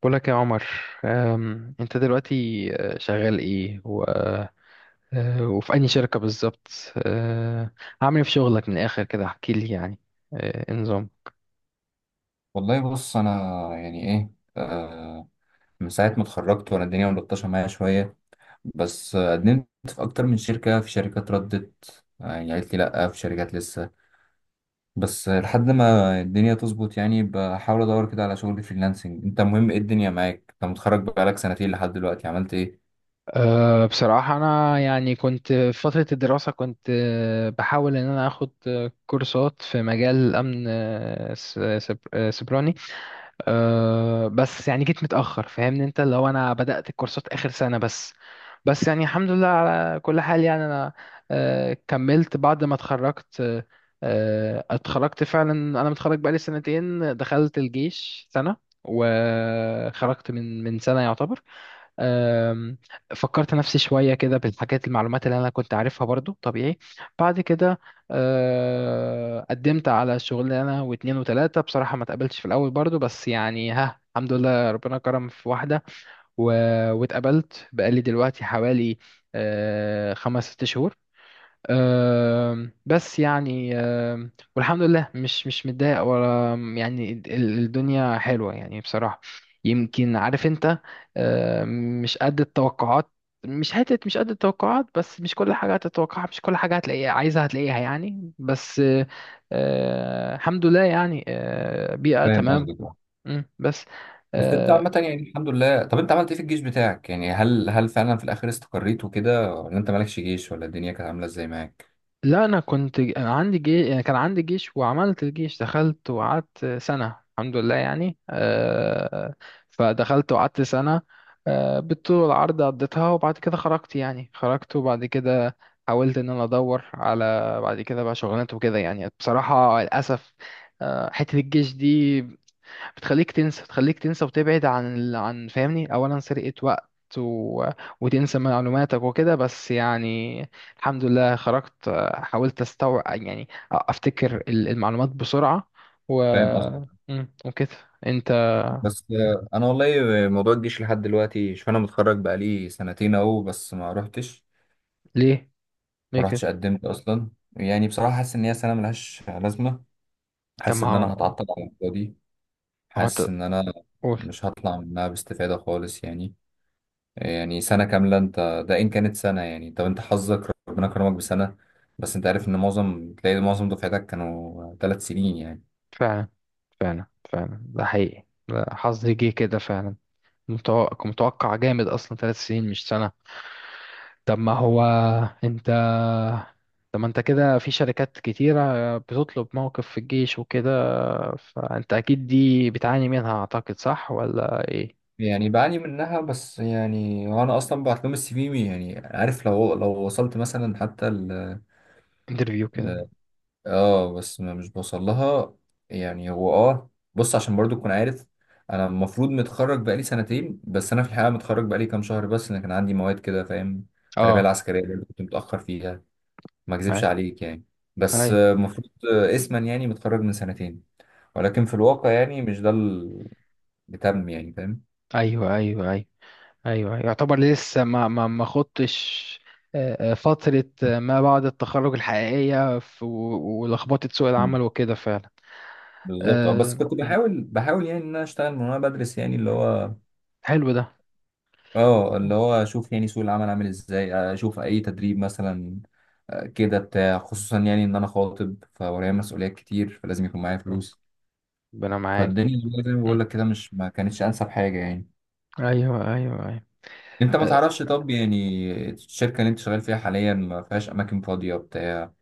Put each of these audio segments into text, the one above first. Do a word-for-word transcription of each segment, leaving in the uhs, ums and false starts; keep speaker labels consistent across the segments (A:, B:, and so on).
A: بقولك يا عمر. أم، انت دلوقتي آه، شغال ايه و... آه، وفي أي شركة بالظبط؟ آه، عامل ايه في شغلك من الآخر كده احكي لي يعني. آه، إيه النظام؟
B: والله بص انا، يعني ايه، آه من ساعه ما اتخرجت وانا الدنيا ملطشه معايا شويه. بس آه، قدمت في اكتر من شركه، في شركات ردت، آه، يعني قالت لي لا، في شركات لسه. بس آه، لحد ما الدنيا تظبط، يعني بحاول ادور كده على شغل فريلانسنج. انت مهم ايه الدنيا معاك؟ انت متخرج بقالك سنتين، لحد دلوقتي عملت ايه؟
A: أه بصراحة أنا يعني كنت في فترة الدراسة كنت آه، بحاول إن أنا أخد آه، كورسات في مجال الأمن، آه، س- سب- آه، سيبراني. أه بس يعني جيت متأخر فاهمني، انت لو انا بدأت الكورسات آخر سنة بس. بس يعني الحمد لله على كل حال يعني انا أه كملت بعد ما اتخرجت. أه آه، اتخرجت فعلا. انا متخرج بقالي سنتين، دخلت الجيش سنة وخرجت من من سنة يعتبر. أم، فكرت نفسي شوية كده بالحاجات المعلومات اللي أنا كنت عارفها برضو طبيعي. بعد كده أه، قدمت على شغلانة واتنين وتلاتة بصراحة ما اتقبلتش في الأول برضو، بس يعني ها الحمد لله ربنا كرم في واحدة و- واتقبلت بقالي دلوقتي حوالي أه، خمس ست شهور. آم، بس يعني، آم، والحمد لله مش مش متضايق ولا يعني ال- الدنيا حلوة يعني بصراحة، يمكن عارف انت. آم، مش قد التوقعات. مش حتة مش قد التوقعات، بس مش كل حاجة هتتوقعها، مش كل حاجة هتلاقيها عايزها هتلاقيها يعني. بس آه، آه، الحمد لله يعني آه، بيئة
B: فاهم
A: تمام.
B: قصدك، آه.
A: مم، بس
B: بس انت
A: آه،
B: عامه يعني الحمد لله. طب انت عملت ايه في الجيش بتاعك؟ يعني هل هل فعلا في الاخر استقريت وكده، ولا انت مالكش جيش، ولا الدنيا كانت عامله ازاي معاك؟
A: لا انا كنت عندي جيش، يعني كان عندي جيش وعملت الجيش، دخلت وقعدت سنة. الحمد لله يعني. آه، فدخلت وقعدت سنة آه، بالطول والعرض قضيتها، وبعد كده خرجت يعني، خرجت وبعد كده حاولت ان انا ادور على، بعد كده بقى شغلانات وكده يعني. بصراحة للاسف آه، حتة الجيش دي بتخليك تنسى، تخليك تنسى وتبعد عن ال... عن، فاهمني، اولا سرقة وقت و... وتنسى معلوماتك وكده. بس يعني الحمد لله خرجت، آه، حاولت استوعب يعني افتكر ال- المعلومات بسرعة و،
B: فاهم قصدك.
A: مم، وكده. انت
B: بس آه، انا والله موضوع الجيش لحد دلوقتي، شوف، انا متخرج بقالي سنتين اهو، بس ما رحتش.
A: ليه؟ ليه
B: ما
A: كده؟
B: رحتش، قدمت اصلا. يعني بصراحه حاسس ان هي سنه ملهاش لازمه.
A: طب
B: حاسس
A: ما
B: ان انا
A: هو،
B: هتعطل على الفاضي.
A: ما هو
B: حاسس
A: أنت،
B: ان انا
A: قول.
B: مش هطلع منها باستفاده خالص، يعني. يعني سنه كامله، انت ده ان كانت سنه، يعني. طب انت حظك ربنا كرمك بسنه. بس انت عارف ان معظم، تلاقي معظم دفعتك كانوا ثلاث سنين، يعني.
A: فعلا، فعلا، فعلا ده حقيقي، ده حظي جه كده فعلا. متوقع، متوقع جامد، اصلا ثلاث سنين مش سنة. طب ما هو انت، طب ما انت كده في شركات كتيرة بتطلب موقف في الجيش وكده، فانت اكيد دي بتعاني منها اعتقد، صح ولا ايه؟
B: يعني بعاني منها، بس يعني انا اصلا بعت لهم السي في، يعني عارف، لو لو وصلت مثلا حتى ل...
A: انترفيو كده.
B: ل... اه بس ما مش بوصل لها. يعني هو، اه بص، عشان برضو تكون عارف. انا المفروض متخرج بقالي سنتين، بس انا في الحقيقه متخرج بقالي كام شهر. بس انا كان عندي مواد كده، فاهم. التربيه
A: اه.
B: العسكريه برضو كنت متاخر فيها، ما اكذبش
A: هاي.
B: عليك يعني. بس
A: هاي.
B: آه، المفروض آه، اسما يعني متخرج من سنتين، ولكن
A: مم.
B: في الواقع يعني مش ده اللي تم، يعني، فاهم.
A: ايوه، ايوه، ايوه. ايوه يعتبر لسه ما ما ما خضتش آه، آه، فترة آه، ما بعد التخرج الحقيقية، في- و- ولخبطة سوق العمل وكده فعلا.
B: بالظبط. اه بس
A: آه،
B: كنت
A: مم.
B: بحاول بحاول يعني ان انا اشتغل من وانا بدرس، يعني اللي هو،
A: حلو ده.
B: اه
A: مم.
B: اللي هو اشوف يعني سوق العمل عامل ازاي، اشوف اي تدريب مثلا آه، كده بتاع. خصوصا يعني ان انا خاطب، فورايا مسؤوليات كتير، فلازم يكون معايا فلوس.
A: ربنا معاك.
B: فالدنيا والله زي ما بقول
A: مم.
B: لك كده، مش ما كانتش انسب حاجه، يعني.
A: ايوه، ايوه، ايوه.
B: انت ما تعرفش، طب يعني الشركه اللي انت شغال فيها حاليا ما فيهاش اماكن فاضيه، بتاع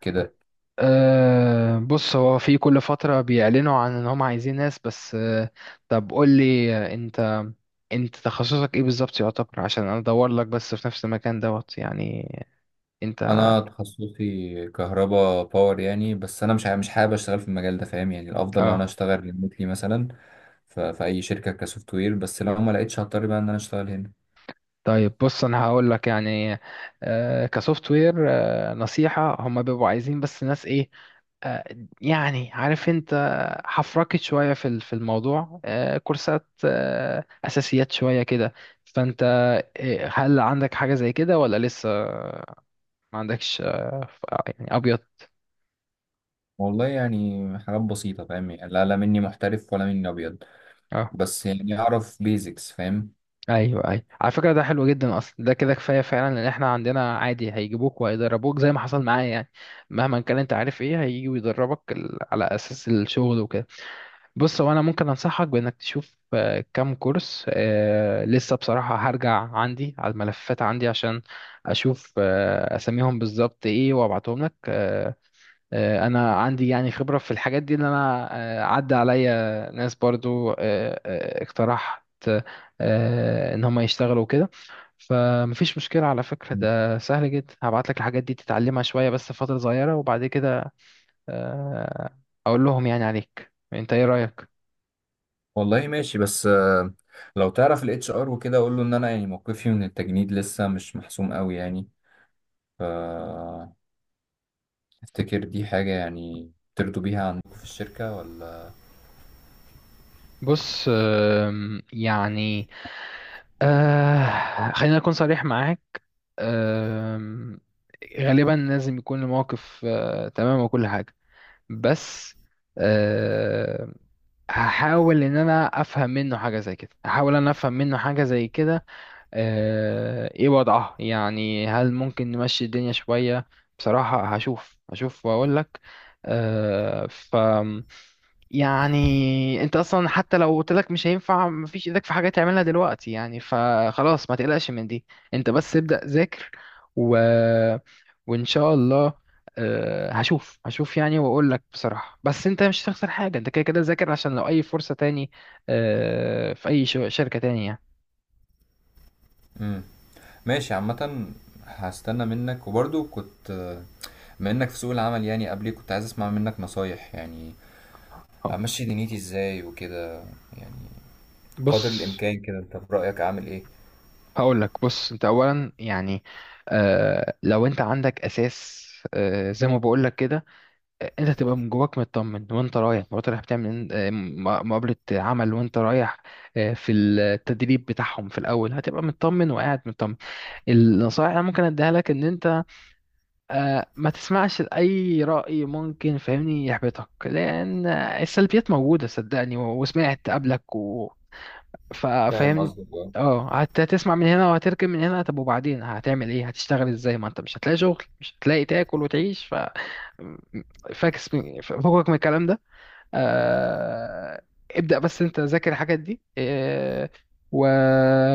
B: كده؟
A: أه بص هو في كل فترة بيعلنوا عن ان هم عايزين ناس، بس أه طب قول لي آه، انت انت تخصصك ايه بالظبط يعتبر، عشان انا ادور لك بس في نفس المكان دوت يعني. انت،
B: انا تخصصي كهرباء باور، يعني. بس انا مش ع- مش حابب اشتغل في المجال ده، فاهم يعني. الافضل لو انا
A: اه
B: اشتغل ريموتلي مثلا ف- في اي شركه كسوفت وير. بس لو ما لقيتش، هضطر بقى ان انا اشتغل هنا.
A: طيب بص انا هقول لك يعني آه، كسوفت وير، آه، نصيحة هم بيبقوا عايزين بس ناس ايه؟ آه، يعني عارف انت، حفركت شوية في ال- في الموضوع، آه، كورسات، آه، اساسيات شوية كده. فانت آه، هل عندك حاجة زي كده ولا لسه ما عندكش؟ آه، ف- يعني ابيض.
B: والله يعني حاجات بسيطه، فاهم يعني، لا، لا مني محترف ولا مني ابيض.
A: اه،
B: بس يعني اعرف بيزكس، فاهم.
A: ايوه، ايوه، على فكره ده حلو جدا. اصلا ده كده كفايه فعلا، لان احنا عندنا عادي هيجيبوك وهيدربوك زي ما حصل معايا يعني. مهما كان انت عارف، ايه هيجي ويدربك ال- على اساس الشغل وكده. بص هو انا ممكن انصحك بانك تشوف آه، كام كورس، آه، لسه بصراحه هرجع عندي على الملفات عندي عشان اشوف آه، اساميهم بالظبط ايه وابعتهم لك. آه، آه، انا عندي يعني خبره في الحاجات دي، ان انا آه، عدى عليا ناس برضو آه، آه، اقترحت آه، ان هم يشتغلوا كده. فمفيش مشكله على فكره،
B: مم.
A: ده سهل جدا. هبعت لك الحاجات دي تتعلمها شويه بس فتره صغيره، وبعد كده آه، اقول لهم يعني عليك. انت ايه رايك؟
B: والله ماشي. بس آه، لو تعرف الاتش ار وكده، اقول له ان انا يعني موقفي من التجنيد لسه مش محسوم قوي، يعني. ف افتكر دي حاجه يعني ترضوا بيها عندكم في الشركه، ولا؟
A: بص آم، يعني آه، خلينا اكون صريح معاك. آم، غالبا لازم يكون الموقف آه، تمام وكل حاجه. بس أه هحاول ان انا افهم منه حاجه زي كده، هحاول ان انا افهم منه حاجه زي كده. أه ايه وضعها يعني، هل ممكن نمشي الدنيا شويه؟ بصراحه هشوف، هشوف واقول لك. أه ف يعني انت اصلا حتى لو قلت لك مش هينفع مفيش ايدك في حاجه تعملها دلوقتي يعني، فخلاص ما تقلقش من دي. انت بس ابدأ ذاكر و... وان شاء الله آه، هشوف، هشوف يعني واقول لك بصراحه. بس انت مش هتخسر حاجه، انت كده كده ذاكر، عشان لو اي فرصه تاني آه، في اي شو- شركه تانية يعني.
B: مم. ماشي عامة. هستنى منك. وبرضو كنت، بما انك في سوق العمل يعني قبلي، كنت عايز اسمع منك نصايح، يعني
A: اه
B: امشي دنيتي ازاي وكده، قدر
A: بص
B: الامكان كده. انت في رأيك اعمل ايه؟
A: هقول لك. بص انت اولا يعني، آه، لو انت عندك اساس، آه، زي ما بقول لك كده، انت تبقى من جواك مطمن. وانت رايح، وانت رايح بتعمل إن- آه، م- مقابلة عمل، وانت رايح آه، في التدريب بتاعهم في الاول هتبقى مطمن وقاعد مطمن. النصائح اللي أنا ممكن اديها لك ان انت آه، ما تسمعش لاي رأي ممكن فاهمني يحبطك، لان السلبيات موجودة صدقني و- وسمعت قبلك. فا-
B: فاهم
A: فاهمني،
B: قصدك، اه.
A: اه هت- هتسمع من هنا وهتركب من هنا. طب وبعدين هتعمل ايه، هتشتغل ازاي؟ ما انت مش هتلاقي شغل، مش هتلاقي تاكل وتعيش. ف فاكس من فوقك من الكلام ده. آه، ابدأ بس انت ذاكر الحاجات دي آه، و...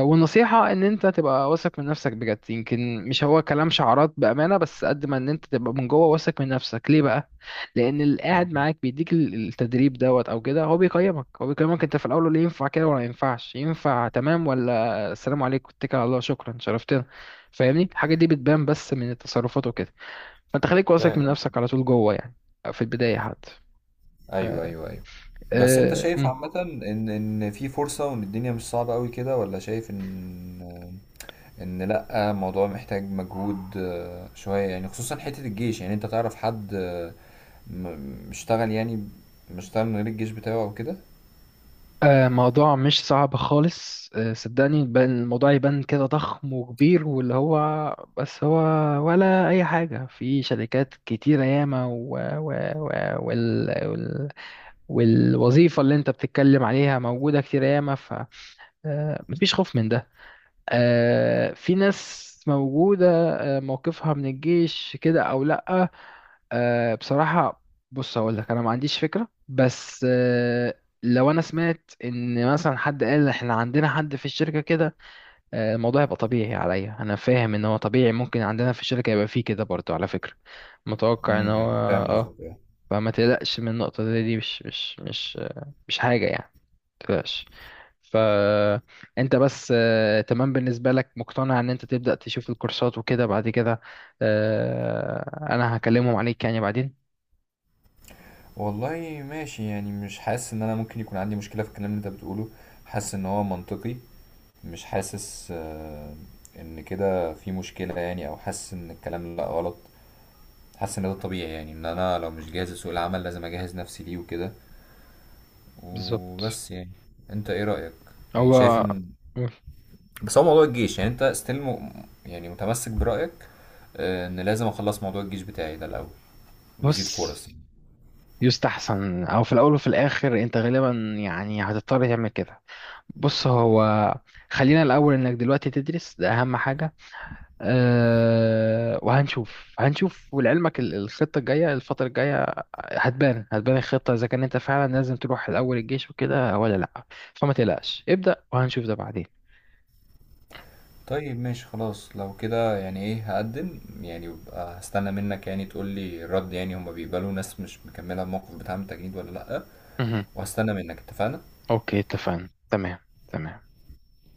A: والنصيحة ان انت تبقى واثق من نفسك بجد. يمكن مش هو كلام شعارات بأمانة، بس قد ما ان انت تبقى من جوه واثق من نفسك، ليه بقى؟ لان اللي قاعد معاك بيديك ال- التدريب دوت او كده، هو بيقيمك، هو بيقيمك انت في الاول ولا ينفع كده ولا ينفعش. ينفع تمام، ولا السلام عليكم اتكل على الله شكرا شرفتنا. فاهمني الحاجة دي بتبان بس من التصرفات وكده، فانت خليك واثق
B: فاهم
A: من نفسك
B: قصدك.
A: على طول جوه يعني، في البداية حتى.
B: ايوه، ايوه، ايوه. بس انت
A: أه...
B: شايف عامة ان ان في فرصة وان الدنيا مش صعبة قوي كده، ولا شايف ان ان لا، الموضوع محتاج مجهود آه، شوية، يعني خصوصا حتة الجيش. يعني انت تعرف حد آه، م- م- اشتغل يعني، مش اشتغل من غير الجيش بتاعه او كده؟
A: آه، موضوع مش صعب خالص آه، صدقني. بل- الموضوع يبان كده ضخم وكبير واللي هو، بس هو، ولا أي حاجة. في شركات كتيرة ياما و... و... و... وال... وال... والوظيفة اللي أنت بتتكلم عليها موجودة كتير ياما، فمفيش خوف من ده. آه، في ناس موجودة آه، موقفها من الجيش كده أو لأ. آه، بصراحة بص هقول لك، أنا ما عنديش فكرة، بس آه، لو أنا سمعت إن مثلا حد قال إحنا عندنا حد في الشركة كده، آه، الموضوع هيبقى طبيعي عليا. أنا فاهم إن هو طبيعي، ممكن عندنا في الشركة يبقى فيه كده برضه على فكرة، متوقع إن هو،
B: امم فاهم
A: آه.
B: قصدك، آه.
A: فما تقلقش من النقطة دي، دي مش مش مش آه، مش حاجة يعني، متقلقش. فانت بس آه، تمام بالنسبة لك، مقتنع ان انت تبدأ تشوف الكورسات وكده، بعد كده آه، انا هكلمهم عليك يعني بعدين.
B: والله ماشي. يعني مش حاسس ان انا ممكن يكون عندي مشكلة في الكلام اللي انت بتقوله. حاسس ان هو منطقي. مش حاسس آه، ان كده في مشكلة، يعني، او حاسس ان الكلام لا غلط. حاسس ان ده طبيعي، يعني ان انا لو مش جاهز لسوق العمل لازم اجهز نفسي ليه وكده،
A: بالظبط.
B: وبس يعني. انت ايه رأيك؟ يعني شايف
A: هو
B: ان، بس هو موضوع الجيش، يعني انت ستيل م... يعني متمسك برأيك آه، ان لازم اخلص موضوع الجيش بتاعي ده الاول،
A: بص
B: بيزيد فرص.
A: يستحسن، او في الاول وفي الاخر انت غالبا يعني هتضطر تعمل كده. بص هو، خلينا الاول انك دلوقتي تدرس، ده اهم حاجة. أه وهنشوف، هنشوف، ولعلمك ال- الخطة الجاية الفترة الجاية هتبان، هتبان الخطة إذا كان أنت فعلا لازم تروح الأول الجيش وكده ولا لأ. فما تقلقش، ابدأ وهنشوف ده بعدين.
B: طيب ماشي، خلاص لو كده. يعني ايه، هقدم يعني، وابقى هستنى منك يعني تقول لي الرد، يعني هما بيقبلوا ناس مش مكملة الموقف بتاع التجنيد ولا لأ؟
A: مهم.
B: وهستنى منك، اتفقنا.
A: أوكي اتفقنا. تمام. تمام.